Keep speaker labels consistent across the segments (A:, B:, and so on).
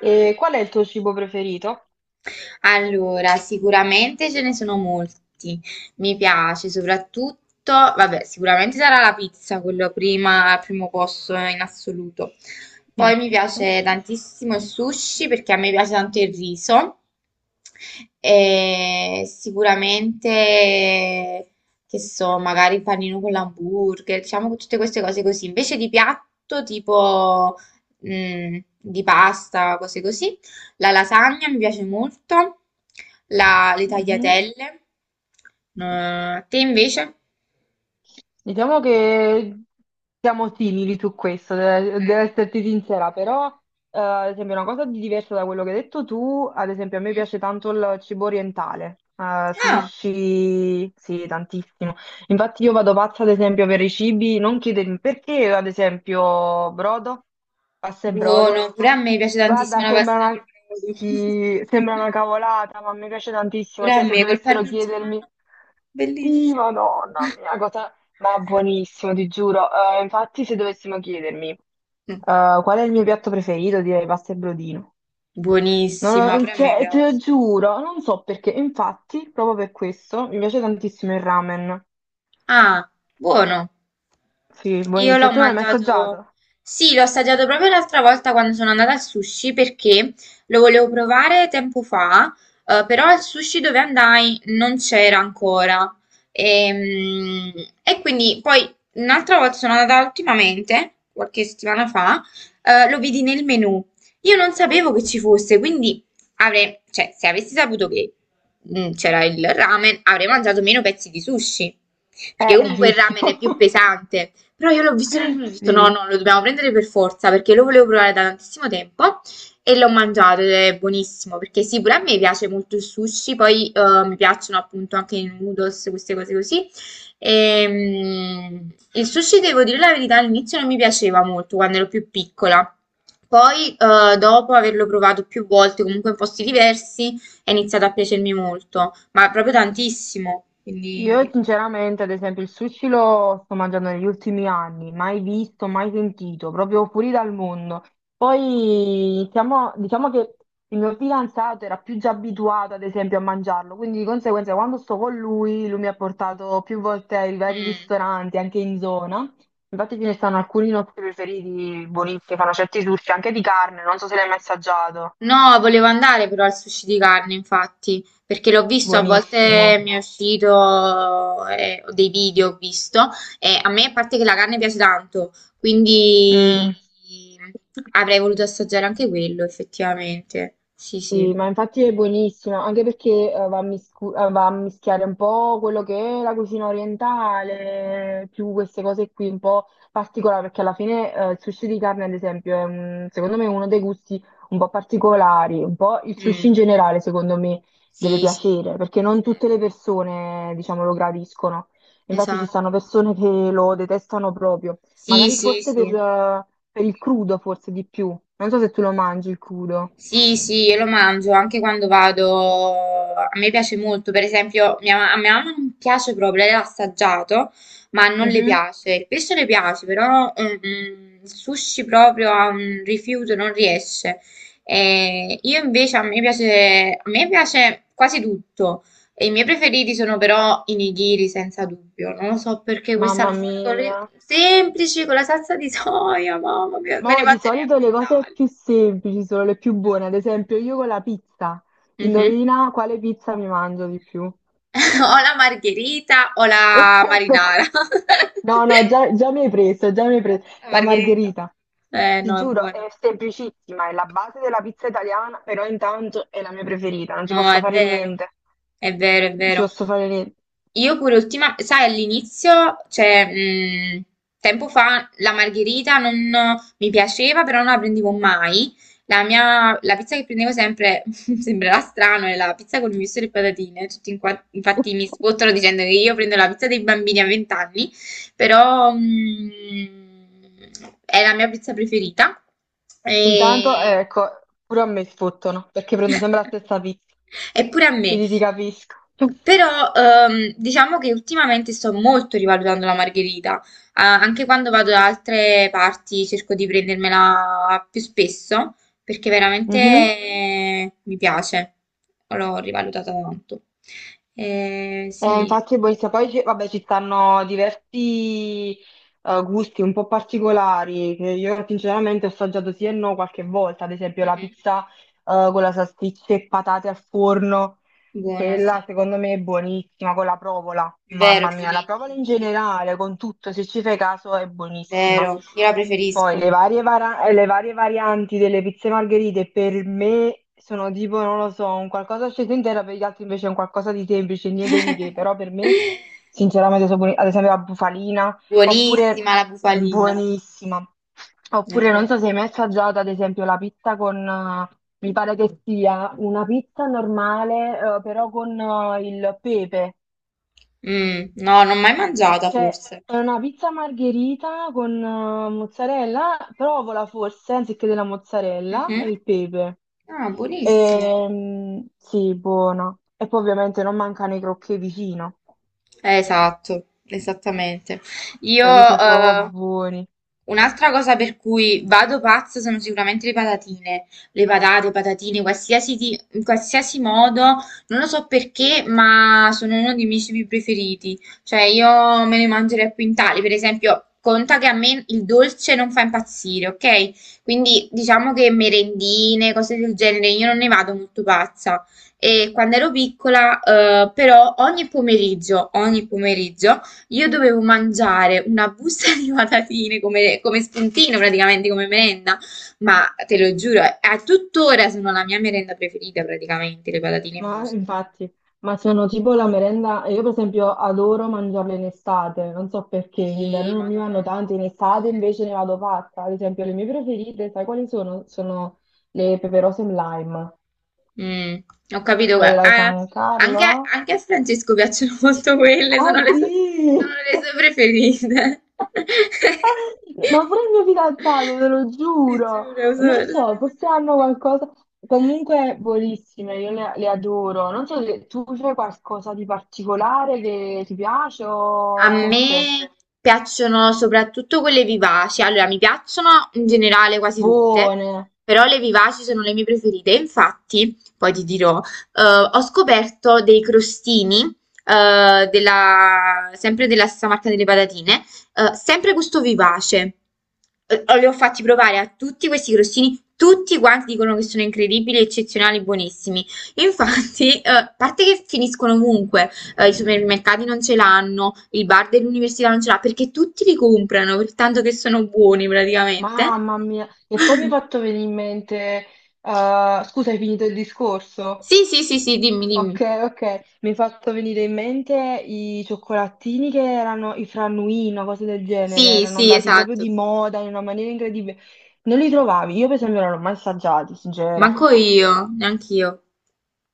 A: E qual è il tuo cibo preferito?
B: Allora, sicuramente ce ne sono molti. Mi piace soprattutto, vabbè, sicuramente sarà la pizza, quello prima, al primo posto in assoluto. Poi
A: Mm.
B: mi piace tantissimo il sushi perché a me piace tanto il riso. E sicuramente, che so, magari il panino con l'hamburger, diciamo che tutte queste cose così. Invece di piatto, tipo, di pasta, cose così. La lasagna mi piace molto, le
A: Mhm.
B: tagliatelle. A te invece?
A: Diciamo che siamo simili su questo,
B: Ok.
A: devo esserti sincera, però ad esempio una cosa di diversa da quello che hai detto tu, ad esempio a me
B: Mm.
A: piace tanto il cibo orientale,
B: Ah,
A: sushi, sì, tantissimo. Infatti io vado pazza ad esempio per i cibi, non chiedermi perché ad esempio brodo, pasta e brodo.
B: buono, pure a me piace tantissimo
A: Guarda,
B: la
A: sembra
B: pastina col
A: una,
B: brodo.
A: sì, sembra una cavolata, ma mi piace tantissimo,
B: Pure a
A: cioè se
B: me col
A: dovessero
B: parmigiano,
A: chiedermi... Sì,
B: bellissimo.
A: madonna mia, cosa, ma buonissimo, ti giuro. Infatti, se dovessimo chiedermi
B: Mm.
A: qual è il mio piatto preferito, direi pasta e brodino. Non
B: Buonissima,
A: ho- mm,
B: pure a me
A: cioè, te lo
B: piace.
A: giuro, non so perché. Infatti, proprio per questo, mi piace tantissimo il ramen.
B: Ah, buono.
A: Sì,
B: Io
A: buonissimo.
B: l'ho
A: Tu non l'hai mai
B: mangiato,
A: assaggiato?
B: sì, l'ho assaggiato proprio l'altra volta quando sono andata al sushi perché lo volevo provare tempo fa, però al sushi dove andai non c'era ancora. Ehm, quindi poi un'altra volta sono andata ultimamente, qualche settimana fa, lo vidi nel menù. Io non sapevo che ci fosse, quindi avrei, cioè, se avessi saputo che c'era il ramen, avrei mangiato meno pezzi di sushi. Perché
A: È
B: comunque il
A: giusto.
B: ramen è più pesante. Però io l'ho visto nel menu e ho detto no,
A: Sì.
B: no, lo dobbiamo prendere per forza perché lo volevo provare da tantissimo tempo e l'ho mangiato ed è buonissimo perché sì, pure a me piace molto il sushi, poi mi piacciono appunto anche i noodles, queste cose così. Il sushi, devo dire la verità, all'inizio non mi piaceva molto quando ero più piccola. Poi, dopo averlo provato più volte, comunque in posti diversi, è iniziato a piacermi molto, ma proprio tantissimo.
A: Io
B: Quindi...
A: sinceramente, ad esempio, il sushi lo sto mangiando negli ultimi anni, mai visto, mai sentito, proprio fuori dal mondo. Poi diciamo che il mio fidanzato era più già abituato, ad esempio, a mangiarlo, quindi di conseguenza quando sto con lui, lui mi ha portato più volte ai vari
B: mm.
A: ristoranti, anche in zona. Infatti ce ne stanno alcuni nostri preferiti, buonissimi, fanno certi sushi, anche di carne, non so se l'hai mai assaggiato.
B: No, volevo andare però al sushi di carne, infatti, perché l'ho visto, a
A: Buonissimo.
B: volte mi è uscito dei video, ho visto, e a me, a parte che la carne piace tanto, quindi
A: Mm.
B: avrei voluto assaggiare anche quello, effettivamente. Sì, sì.
A: Sì, ma infatti è buonissima, anche perché va a, va a mischiare un po' quello che è la cucina orientale, più queste cose qui un po' particolari, perché alla fine il sushi di carne, ad esempio, secondo me uno dei gusti un po' particolari, un po' il
B: Mm.
A: sushi in generale, secondo me, deve
B: Sì, sì.
A: piacere, perché non tutte
B: Vero.
A: le persone, diciamo, lo gradiscono. Infatti ci
B: Esatto.
A: stanno persone che lo detestano proprio,
B: Sì,
A: magari
B: sì,
A: forse
B: sì.
A: per il crudo, forse di più. Non so se tu lo mangi il crudo.
B: Sì, sì, io lo mangio anche quando vado. A me piace molto, per esempio, a mia mamma non piace proprio, lei l'ha assaggiato, ma non le
A: Mhm.
B: piace. Il pesce le piace, però il sushi proprio ha un rifiuto, non riesce. E io invece a me piace quasi tutto. E i miei preferiti sono però i nigiri, senza dubbio. Non lo so perché quel
A: Mamma
B: salmone con
A: mia.
B: semplice, con la salsa di soia, mamma mia, me ne
A: Ma di
B: mangerei a
A: solito le cose
B: quintali.
A: più semplici sono le più buone. Ad esempio, io con la pizza.
B: Mhm.
A: Indovina quale pizza mi mangio di più.
B: O la margherita o la
A: Ecco qua.
B: marinara.
A: No, no, già mi hai preso, già mi hai preso.
B: La
A: La
B: margherita.
A: margherita.
B: Eh
A: Ti
B: no, è
A: giuro,
B: buona.
A: è semplicissima, è la base della pizza italiana, però intanto è la mia preferita, non ci
B: No,
A: posso
B: è
A: fare
B: vero.
A: niente.
B: È vero, è
A: Non ci
B: vero.
A: posso fare niente.
B: Io pure ultima, sai, all'inizio, cioè, tempo fa la margherita non mi piaceva, però non la prendevo mai. La pizza che prendevo sempre, sembrerà strano, è la pizza con il misto e le patatine. Infatti mi spottano dicendo che io prendo la pizza dei bambini a 20 anni, però è la mia pizza preferita.
A: Intanto,
B: E,
A: ecco, pure a me sfottono, perché prendo sempre la stessa pizza,
B: eppure a me.
A: quindi ti capisco.
B: Però diciamo che ultimamente sto molto rivalutando la margherita, ah, anche quando vado da altre parti cerco di prendermela più spesso perché veramente
A: Mhm.
B: mi piace, l'ho rivalutata tanto. Sì,
A: Infatti il barista, vabbè, ci stanno diversi gusti un po' particolari, che io sinceramente ho assaggiato sì e no qualche volta, ad esempio la
B: mhm.
A: pizza con la salsiccia e patate al forno,
B: Buona,
A: quella
B: sì,
A: secondo me è buonissima con la provola,
B: vero,
A: mamma mia, la provola
B: buonissima,
A: in
B: sì, sì.
A: generale, con tutto, se ci fai caso, è buonissima.
B: Vero, io la
A: Poi
B: preferisco.
A: le varie varianti delle pizze margherite per me sono tipo, non lo so, un qualcosa sceso intero, per gli altri invece è un qualcosa di semplice, niente di che, però per me sinceramente sono buoni, ad esempio la bufalina. Oppure
B: Buonissima la bufalina,
A: buonissima.
B: sì, è
A: Oppure non
B: vero.
A: so se hai mai assaggiato, ad esempio, la pizza con, mi pare che sia una pizza normale, però con il pepe.
B: Mm, no, non l'ho mai mangiata
A: Cioè,
B: forse.
A: è una pizza margherita con mozzarella, provola forse, anziché della mozzarella, e
B: Mhm.
A: il pepe.
B: Ah, buonissimo.
A: Sì, buona. E poi ovviamente non mancano i crocchè vicino.
B: Esatto, esattamente. Io,
A: Quelli sono proprio buoni.
B: un'altra cosa per cui vado pazza sono sicuramente le patatine. Le patate, patatine, in qualsiasi modo, non lo so perché, ma sono uno dei miei cibi preferiti. Cioè, io me ne mangerei a quintali. Per esempio, conta che a me il dolce non fa impazzire, ok? Quindi diciamo che merendine, cose del genere, io non ne vado molto pazza. E quando ero piccola, però, ogni pomeriggio, io dovevo mangiare una busta di patatine come spuntino, praticamente come merenda. Ma te lo giuro, a tuttora sono la mia merenda preferita, praticamente, le patatine in
A: Ma
B: busta.
A: infatti, ma sono tipo la merenda, io per esempio adoro mangiarle in estate, non so perché, in inverno
B: Sì,
A: non mi vanno
B: madonna.
A: tanto, in estate invece ne vado fatta. Ad esempio le mie preferite, sai quali sono? Sono le peperose in lime,
B: Mm, ho capito.
A: quelle della San
B: Anche,
A: Carlo.
B: anche a Francesco piacciono molto quelle,
A: Ah
B: sono
A: sì!
B: le sue preferite.
A: Ma pure il mio fidanzato, te lo
B: Ti
A: giuro.
B: giuro, sono
A: Non so,
B: le sue
A: forse hanno
B: preferite.
A: qualcosa. Comunque, buonissime, io le adoro. Non so se tu c'è qualcosa di particolare che ti piace
B: A
A: o tutte
B: me piacciono soprattutto quelle vivaci, allora mi piacciono in generale quasi tutte,
A: buone.
B: però le vivaci sono le mie preferite. Infatti, poi ti dirò, ho scoperto dei crostini, sempre della stessa marca delle patatine, sempre gusto vivace. Li ho fatti provare a tutti questi crostini, tutti quanti dicono che sono incredibili, eccezionali, buonissimi. Infatti, a parte che finiscono ovunque i supermercati non ce l'hanno, il bar dell'università non ce l'ha, perché tutti li comprano, per tanto che sono buoni praticamente.
A: Mamma mia. E poi mi hai fatto venire in mente. Scusa, hai finito il discorso?
B: Sì, sì, sì, sì, dimmi, dimmi.
A: Ok, ok, mi hai fatto venire in mente i cioccolatini che erano i frannuino, cose del genere,
B: Sì,
A: erano
B: sì,
A: andati proprio
B: esatto.
A: di moda in una maniera incredibile. Non li trovavi, io per esempio non l'ho mai assaggiati, sincera.
B: Manco io, neanche io.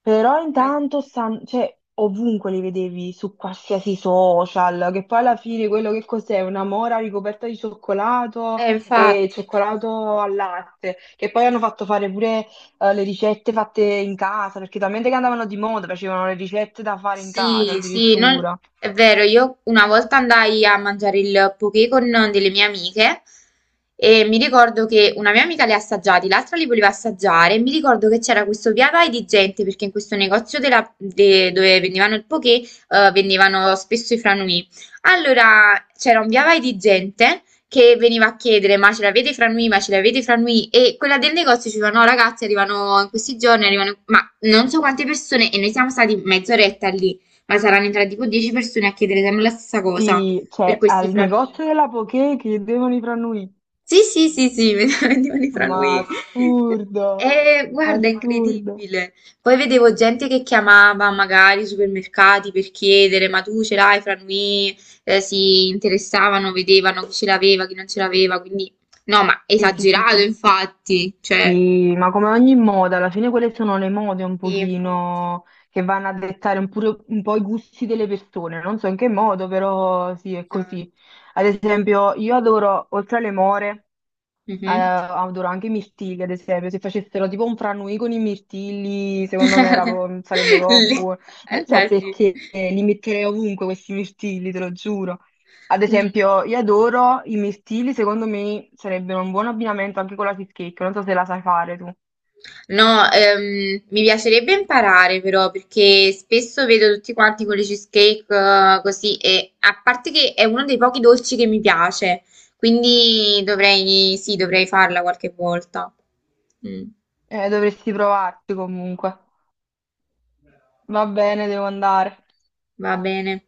A: Però cioè, ovunque li vedevi su qualsiasi social, che poi alla fine quello che cos'è? Una mora ricoperta di cioccolato e
B: Infatti.
A: cioccolato al latte, che poi hanno fatto fare pure le ricette fatte in casa, perché talmente che andavano di moda, facevano le ricette da fare in casa
B: Sì, sì, non-
A: addirittura.
B: è vero, io una volta andai a mangiare il poké con delle mie amiche e mi ricordo che una mia amica li ha assaggiati, l'altra li voleva assaggiare e mi ricordo che c'era questo via vai di gente perché in questo dove vendevano il poké vendevano spesso i franui. Allora c'era un via vai di gente che veniva a chiedere ma ce l'avete i franui, ma ce l'avete i franui e quella del negozio diceva no ragazzi arrivano in questi giorni, arrivano... ma non so quante persone, e noi siamo stati mezz'oretta lì, ma saranno entrate tipo 10 persone a chiedere sempre la stessa cosa
A: Sì,
B: per
A: cioè
B: questi
A: al
B: franui.
A: negozio della Poké chiedevano i franui,
B: Sì, sì, sì, sì, vendevano i
A: ma
B: franui.
A: assurdo,
B: E guarda, è
A: assurdo.
B: incredibile. Poi vedevo gente che chiamava magari i supermercati per chiedere, ma tu ce l'hai i franui? Si interessavano, vedevano chi ce l'aveva, chi non ce l'aveva, quindi no, ma
A: Sì, sì, sì,
B: esagerato
A: sì.
B: infatti, cioè...
A: Sì, ma come ogni moda, alla fine quelle sono le mode un
B: Sì, infatti,
A: pochino che vanno a dettare un po' i gusti delle persone, non so in che modo, però sì, è
B: esatto.
A: così. Ad esempio, io adoro, oltre alle more,
B: Mhm.
A: adoro anche i mirtilli, ad esempio, se facessero tipo un franui con i mirtilli, secondo me sarebbe proprio
B: Le-
A: buono. Non so
B: allora, sì.
A: perché li metterei ovunque questi mirtilli, te lo giuro. Ad
B: Mm.
A: esempio, io adoro i mirtilli, secondo me sarebbero un buon abbinamento anche con la cheesecake, non so se la sai fare tu.
B: No, mi piacerebbe imparare però perché spesso vedo tutti quanti con le cheesecake così e a parte che è uno dei pochi dolci che mi piace, quindi dovrei, sì, dovrei farla qualche volta. Mm,
A: Dovresti provarti comunque. Va bene, devo andare.
B: va bene.